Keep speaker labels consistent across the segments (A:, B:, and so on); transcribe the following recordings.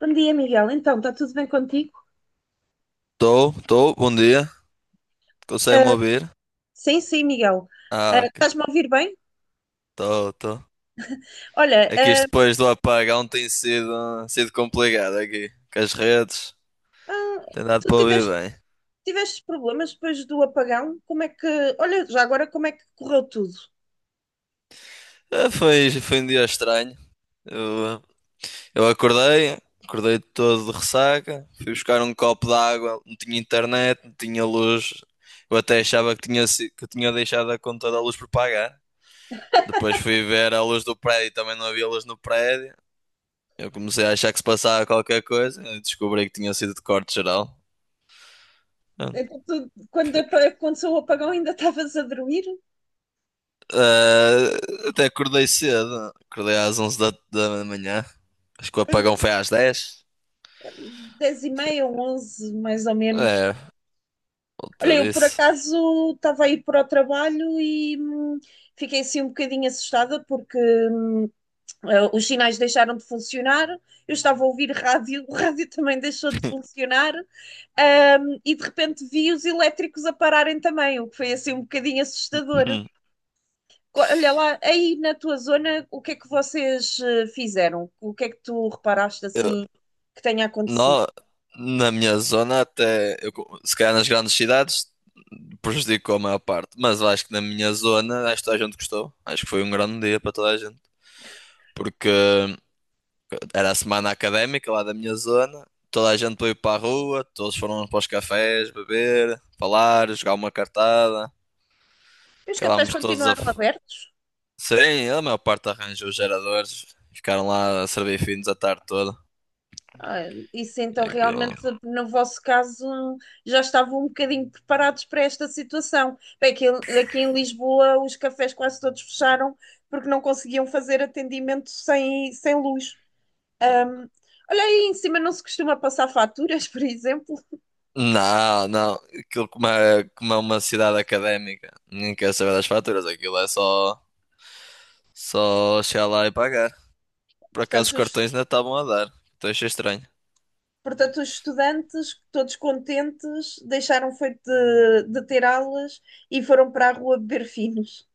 A: Bom dia, Miguel. Então, está tudo bem contigo?
B: Tô. Bom dia. Consegue-me
A: Ah,
B: ouvir?
A: sim, sim, Miguel.
B: Ah, ok.
A: Estás-me a ouvir bem?
B: tô Estou.
A: Olha,
B: É que isto depois do apagão tem sido complicado aqui. Com as redes,
A: ah,
B: tem dado
A: tu
B: para ouvir
A: tiveste,
B: bem.
A: tiveste problemas depois do apagão? Como é que. Olha, já agora, como é que correu tudo?
B: Ah, foi um dia estranho. Eu, eu acordei todo de ressaca. Fui buscar um copo de água, não tinha internet, não tinha luz. Eu até achava que que tinha deixado a conta da luz por pagar. Depois fui ver a luz do prédio, também não havia luz no prédio. Eu comecei a achar que se passava qualquer coisa, descobri que tinha sido de corte geral. Pronto.
A: Então, tu, quando aconteceu o apagão, ainda estavas a dormir?
B: Ah, até acordei cedo, acordei às 11 da manhã. Acho que o apagão foi às 10.
A: Dez e meia ou onze, mais ou menos.
B: É,
A: Olha,
B: volta
A: eu por
B: disso.
A: acaso estava a ir para o trabalho e fiquei assim um bocadinho assustada porque hum, os sinais deixaram de funcionar, eu estava a ouvir rádio, o rádio também deixou de funcionar, e de repente vi os elétricos a pararem também, o que foi assim um bocadinho assustador.
B: Hum.
A: Olha lá, aí na tua zona, o que é que vocês fizeram? O que é que tu reparaste
B: Eu,
A: assim que tenha acontecido?
B: nó- Na minha zona, se calhar nas grandes cidades, prejudicou a maior parte, mas eu acho que na minha zona, acho que toda a gente gostou. Acho que foi um grande dia para toda a gente, porque era a semana académica lá da minha zona. Toda a gente foi para a rua, todos foram para os cafés beber, falar, jogar uma cartada.
A: E os cafés
B: Acabámos todos a.
A: continuaram
B: f-
A: abertos?
B: Sim, a maior parte arranjou os geradores. Ficaram lá a servir finos a tarde toda.
A: Ah, isso então
B: E
A: realmente,
B: aquilo.
A: no vosso caso, já estavam um bocadinho preparados para esta situação. Bem, aqui, aqui em Lisboa os cafés quase todos fecharam porque não conseguiam fazer atendimento sem luz. Olha aí, em cima não se costuma passar faturas, por exemplo.
B: Não, não. Aquilo como é uma cidade académica. Nem quer saber das faturas. Aquilo é só. Só chegar lá e pagar. Por acaso os
A: Portanto, os,
B: cartões ainda estavam a dar. Então achei estranho.
A: portanto, os estudantes, todos contentes, deixaram feito de ter aulas e foram para a rua beber finos.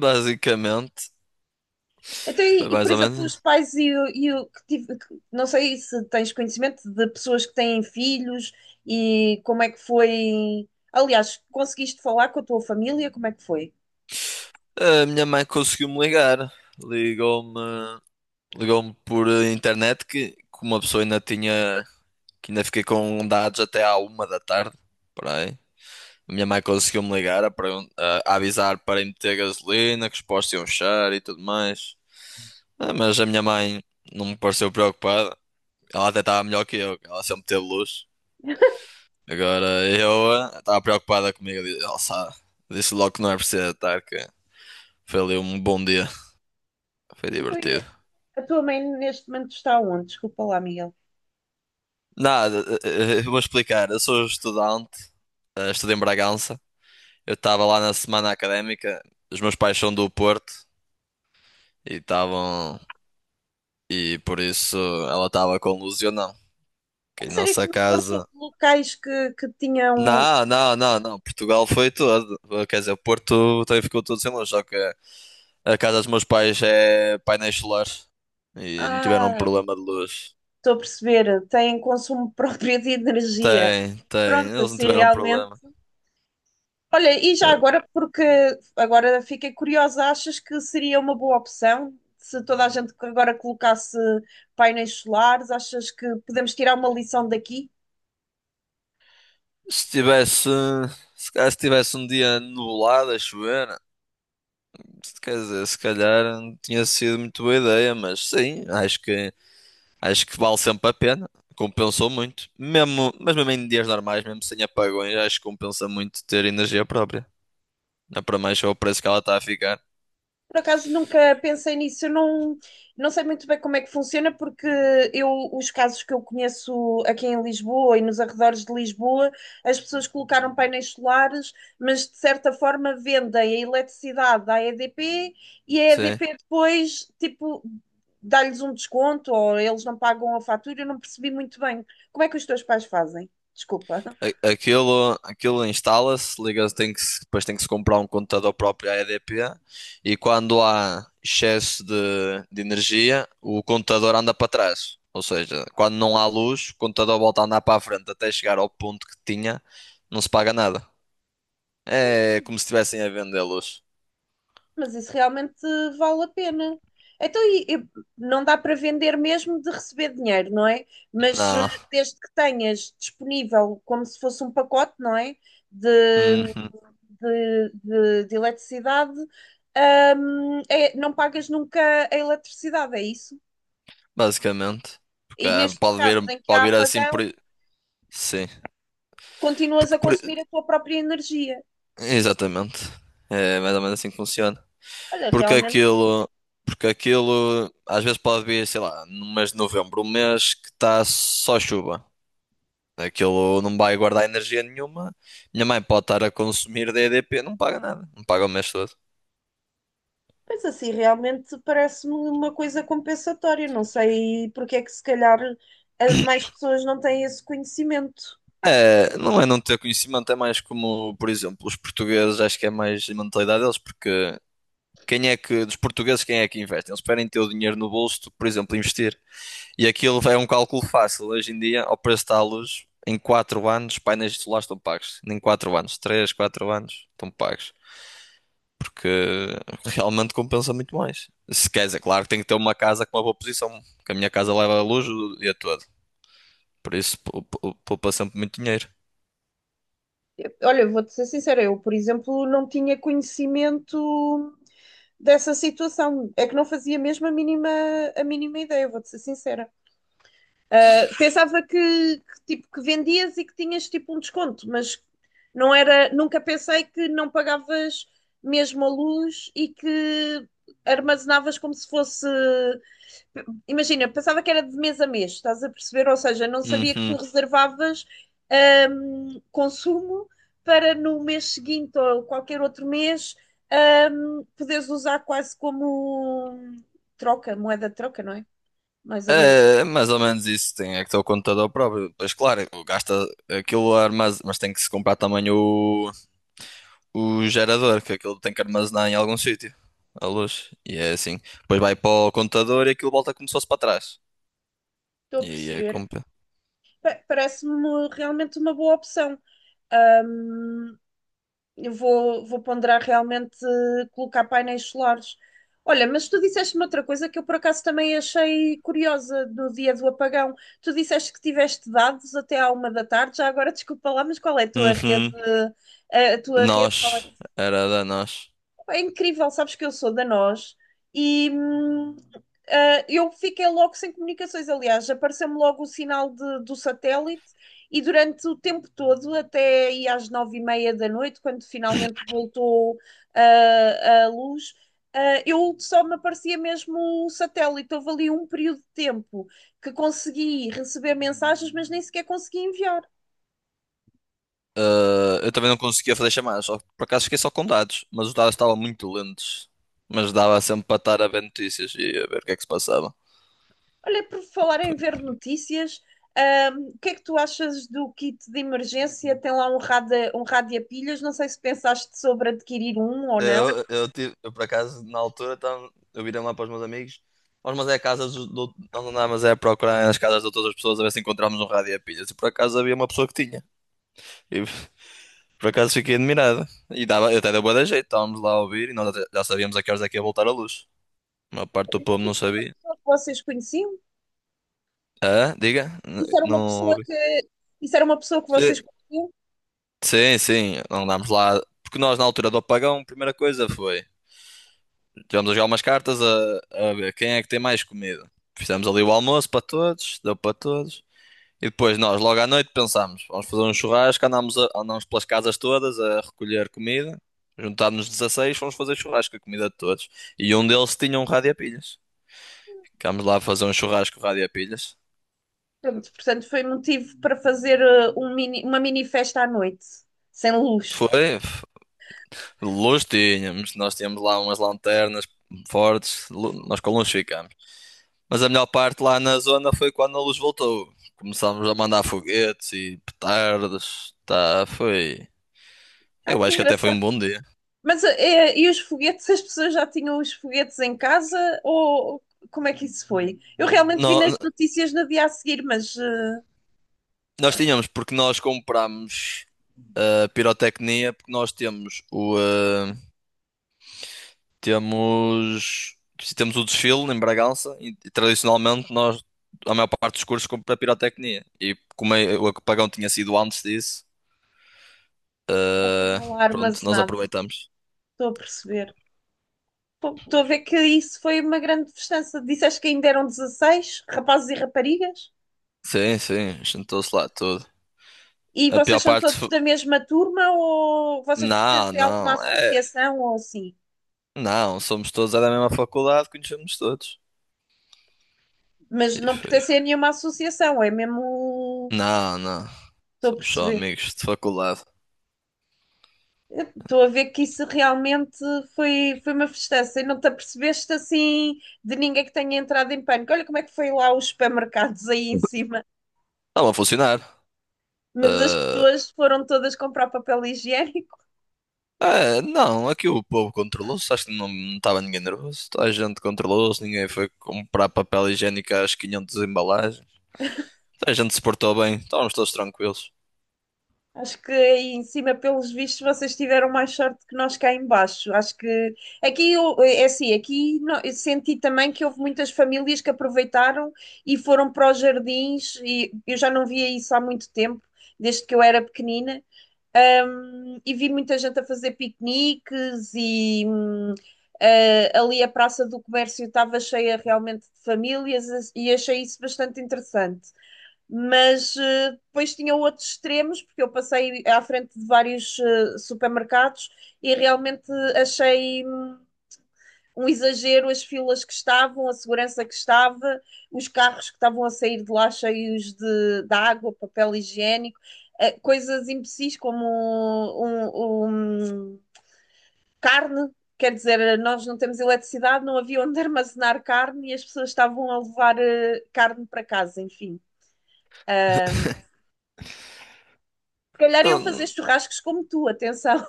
B: Basicamente.
A: Então,
B: Foi
A: por
B: mais ou
A: exemplo, os
B: menos.
A: pais e o que tive, que- não sei se tens conhecimento de pessoas que têm filhos e como é que foi. Aliás, conseguiste falar com a tua família? Como é que foi?
B: A minha mãe conseguiu-me ligar. Ligou-me, ligou-me por internet que uma pessoa ainda tinha, que ainda fiquei com dados até à uma da tarde. Por aí. A minha mãe conseguiu-me ligar a avisar para ir meter gasolina, que os postos iam fechar e tudo mais. Ah, mas a minha mãe não me pareceu preocupada. Ela até estava melhor que eu, ela sempre teve luz. Agora eu estava preocupada comigo. Ela sabe, disse logo que não é preciso estar, que foi ali um bom dia. Foi
A: Então, e
B: divertido.
A: a tua mãe neste momento está onde? Desculpa lá, Miguel.
B: Nada, vou explicar. Eu sou estudante, estudo em Bragança. Eu estava lá na semana académica, os meus pais são do Porto e estavam. E por isso ela estava com Lúcio, não que
A: A
B: em
A: sério que
B: nossa
A: no Porto houve
B: casa.
A: locais que tinham.
B: Não, não, não, não. Portugal foi todo. Quer dizer, o Porto também ficou todo sem luz. Só que a casa dos meus pais é painéis solares e não tiveram
A: Ah,
B: problema de luz.
A: estou a perceber, têm consumo próprio de energia.
B: Tem, tem.
A: Pronto,
B: Eles não
A: assim
B: tiveram
A: realmente.
B: problema.
A: Olha, e já agora, porque agora fiquei curiosa, achas que seria uma boa opção se toda a gente agora colocasse painéis solares? Achas que podemos tirar uma lição daqui?
B: Se tivesse, se calhar se tivesse um dia nublado a chover, quer dizer, se calhar não tinha sido muito boa ideia, mas sim, acho que vale sempre a pena. Compensou muito. Mesmo em dias normais, mesmo sem apagões, acho que compensa muito ter energia própria. Não é para mais só o preço que ela está a ficar.
A: Por acaso nunca pensei nisso, eu não, não sei muito bem como é que funciona, porque eu, os casos que eu conheço aqui em Lisboa e nos arredores de Lisboa, as pessoas colocaram painéis solares, mas de certa forma vendem a eletricidade à EDP e a
B: Sim.
A: EDP depois, tipo, dá-lhes um desconto ou eles não pagam a fatura, eu não percebi muito bem. Como é que os teus pais fazem? Desculpa.
B: Aquilo, aquilo instala-se, liga, tem que, se- depois tem que se comprar um computador próprio à EDP e quando há excesso de energia, o computador anda para trás. Ou seja, quando não há luz, o computador volta a andar para a frente até chegar ao ponto que tinha, não se paga nada. É como se estivessem a vender luz.
A: Mas isso realmente vale a pena. Então, e não dá para vender mesmo de receber dinheiro, não é? Mas
B: Não.
A: desde que tenhas disponível como se fosse um pacote, não é? De,
B: Uhum.
A: de eletricidade, não pagas nunca a eletricidade, é isso?
B: Basicamente. Porque
A: E nestes casos em que
B: pode
A: há
B: vir assim
A: apagão,
B: por. Sim.
A: continuas
B: Porque
A: a
B: por... i-
A: consumir a tua própria energia.
B: Exatamente. É mais ou menos assim que funciona.
A: Olha,
B: Porque
A: realmente.
B: aquilo, porque aquilo às vezes pode vir, sei lá, no mês de novembro, um mês que está só chuva. Aquilo não vai guardar energia nenhuma. Minha mãe pode estar a consumir DDP, não paga nada, não paga o mês todo.
A: Pois assim, realmente parece-me uma coisa compensatória. Não sei porque é que se calhar mais pessoas não têm esse conhecimento.
B: É não ter conhecimento, é mais como, por exemplo, os portugueses, acho que é mais a mentalidade deles, porque quem é que, dos portugueses, quem é que investe? Eles preferem ter o dinheiro no bolso do que, por exemplo, investir. E aquilo é um cálculo fácil. Hoje em dia, ao preço da luz, em 4 anos, painéis solares estão pagos. Nem 4 anos, 3 4 anos estão pagos. Porque realmente compensa muito mais. Se queres, é claro que tem que ter uma casa com uma boa posição. Porque a minha casa leva a luz o dia todo. Por isso, poupa sempre muito dinheiro.
A: Olha, vou-te ser sincera, eu, por exemplo, não tinha conhecimento dessa situação. É que não fazia mesmo a mínima ideia, vou-te ser sincera. Ah, que, tipo, que vendias e que tinhas tipo um desconto, mas não era, nunca pensei que não pagavas mesmo a luz e que armazenavas como se fosse imagina, pensava que era de mês a mês, estás a perceber? Ou seja, não sabia que tu
B: Uhum.
A: reservavas consumo para no mês seguinte ou qualquer outro mês poderes usar quase como troca, moeda de troca, não é? Mais ou menos,
B: É, é mais ou menos isso, tem é que ter o computador próprio. Pois claro, gasta aquilo armazém, mas tem que se comprar também o gerador, que aquilo tem que armazenar em algum sítio, a luz. E é assim. Depois vai para o computador e aquilo volta como se fosse para trás.
A: estou a
B: E aí é
A: perceber.
B: compra.
A: Parece-me realmente uma boa opção. Hum, Eu vou ponderar realmente colocar painéis solares. Olha, mas tu disseste-me outra coisa que eu por acaso também achei curiosa do dia do apagão. Tu disseste que tiveste dados até à uma da tarde, já agora desculpa lá, mas qual é a tua rede?
B: Uhum.
A: A tua rede?
B: Nós. Era da nós.
A: É incrível, sabes que eu sou da Nós e eu fiquei logo sem comunicações. Aliás, apareceu-me logo o sinal do satélite e durante o tempo todo, até aí às nove e meia da noite, quando finalmente voltou a luz, eu só me aparecia mesmo o satélite. Houve ali um período de tempo que consegui receber mensagens, mas nem sequer consegui enviar.
B: Ah, eu também não conseguia fazer chamadas. Só, por acaso fiquei só com dados. Mas os dados estavam muito lentos. Mas dava sempre para estar a ver notícias e a ver o que é que se passava.
A: Olha, por falar em ver notícias, o que é que tu achas do kit de emergência? Tem lá um rádio a pilhas, não sei se pensaste sobre adquirir um ou não. Eu
B: Eu, por acaso, na altura, tava, eu virei lá para os meus amigos. Nós andávamos é a procurar nas casas de todas as pessoas a ver se encontrávamos um rádio a pilhas. E por acaso havia uma pessoa que tinha. E por acaso fiquei admirado. E dava, até deu bué da jeito. Estávamos lá a ouvir e já sabíamos a que horas é que ia voltar a luz. A maior parte
A: acho
B: do
A: era
B: povo não
A: uma
B: sabia.
A: pessoa que vocês conheciam?
B: Ah, diga?
A: Isso era
B: Não
A: uma pessoa
B: ouvi.
A: isso era uma pessoa que
B: Sim,
A: vocês conheciam?
B: sim, sim. Andámos lá. Porque nós, na altura do apagão, a primeira coisa foi. Tivemos a jogar umas cartas a ver quem é que tem mais comida. Fizemos ali o almoço para todos, deu para todos. E depois nós, logo à noite, pensámos, vamos fazer um churrasco, andámos pelas casas todas a recolher comida. Juntámos-nos 16, fomos fazer churrasco a comida de todos. E um deles tinha um rádio a pilhas. Ficámos lá a fazer um churrasco com rádio a pilhas.
A: Pronto, portanto, foi motivo para fazer uma mini festa à noite, sem luz.
B: Foi, luz tínhamos, nós tínhamos lá umas lanternas fortes, nós com luz ficámos. Mas a melhor parte lá na zona foi quando a luz voltou. Começámos a mandar foguetes e petardas. Tá, foi.
A: Ah,
B: Eu
A: que
B: acho que até foi
A: engraçado.
B: um bom dia.
A: Mas e os foguetes? As pessoas já tinham os foguetes em casa? Ou como é que isso foi? Eu realmente vi
B: Nó-
A: nas notícias no dia a seguir, mas
B: Nós tínhamos, porque nós comprámos a pirotecnia, porque nós temos o. ah, temos. Temos o desfile em Bragança e tradicionalmente nós, a maior parte dos cursos, compra pirotecnia. E como o apagão tinha sido antes disso,
A: já
B: ah,
A: tinham lá
B: pronto, nós
A: armazenado.
B: aproveitamos.
A: Estou a perceber. Pô, estou a ver que isso foi uma grande festança. Disseste que ainda eram 16 rapazes e raparigas?
B: Sim, sim, juntou-se lá tudo.
A: E
B: A
A: vocês
B: pior
A: são
B: parte,
A: todos da mesma turma ou vocês
B: Não,
A: pertencem a alguma
B: não, é,
A: associação ou assim?
B: não, somos todos é da mesma faculdade, conhecemos todos.
A: Mas
B: E
A: não
B: foi.
A: pertencem a nenhuma associação, é mesmo.
B: Não, não,
A: Estou a
B: somos só
A: perceber.
B: amigos de faculdade.
A: Estou a ver que isso realmente foi uma festança e não te apercebeste assim de ninguém que tenha entrado em pânico. Olha como é que foi lá os supermercados aí em cima.
B: Estava a funcionar.
A: Mas as pessoas foram todas comprar papel higiênico.
B: Ah, é, não, aqui o povo controlou-se, acho que não estava ninguém nervoso. Toda a gente controlou-se, ninguém foi comprar papel higiênico às 500 embalagens. Toda a gente se portou bem, estávamos todos tranquilos.
A: Acho que aí em cima, pelos vistos, vocês tiveram mais sorte que nós cá em baixo. Acho que aqui é assim, aqui eu senti também que houve muitas famílias que aproveitaram e foram para os jardins e eu já não via isso há muito tempo desde que eu era pequenina. E vi muita gente a fazer piqueniques e ali a Praça do Comércio estava cheia realmente de famílias e achei isso bastante interessante. Mas depois tinha outros extremos, porque eu passei à frente de vários supermercados e realmente achei um exagero as filas que estavam, a segurança que estava, os carros que estavam a sair de lá cheios de água, papel higiênico, coisas imbecis como carne. Quer dizer, nós não temos eletricidade, não havia onde armazenar carne e as pessoas estavam a levar carne para casa, enfim. Se calhar iam fazer churrascos como tu, atenção.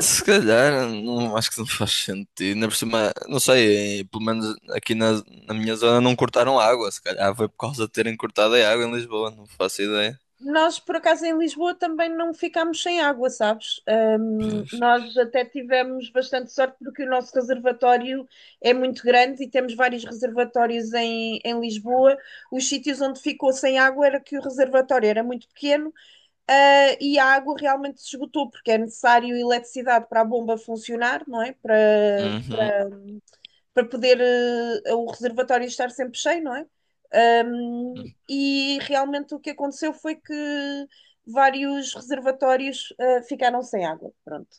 B: Se calhar, não, acho que não faz sentido. Ainda por cima, não sei, pelo menos na minha zona não cortaram água. Se calhar foi por causa de terem cortado a água em Lisboa, não faço ideia.
A: Nós, por acaso, em Lisboa também não ficámos sem água, sabes?
B: Pois.
A: Nós até tivemos bastante sorte porque o nosso reservatório é muito grande e temos vários reservatórios em Lisboa. Os sítios onde ficou sem água era que o reservatório era muito pequeno, e a água realmente se esgotou, porque é necessário eletricidade para a bomba funcionar, não é?
B: Uhum.
A: Para poder o reservatório estar sempre cheio, não é? E realmente o que aconteceu foi que vários reservatórios ficaram sem água. Pronto.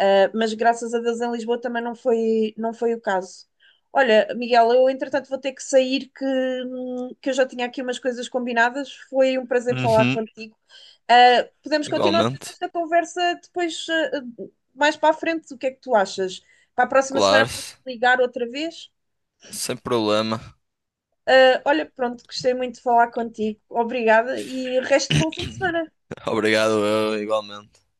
A: Mas graças a Deus em Lisboa também não foi o caso. Olha, Miguel, eu entretanto vou ter que sair, que eu já tinha aqui umas coisas combinadas. Foi um prazer falar
B: Uhum.
A: contigo. Podemos continuar depois
B: Igualmente.
A: esta conversa depois, mais para a frente. O que é que tu achas? Para a próxima semana
B: Claro,
A: posso ligar outra vez?
B: sem problema.
A: Olha, pronto, gostei muito de falar contigo. Obrigada e resto de bom fim de semana.
B: Obrigado, eu, igualmente.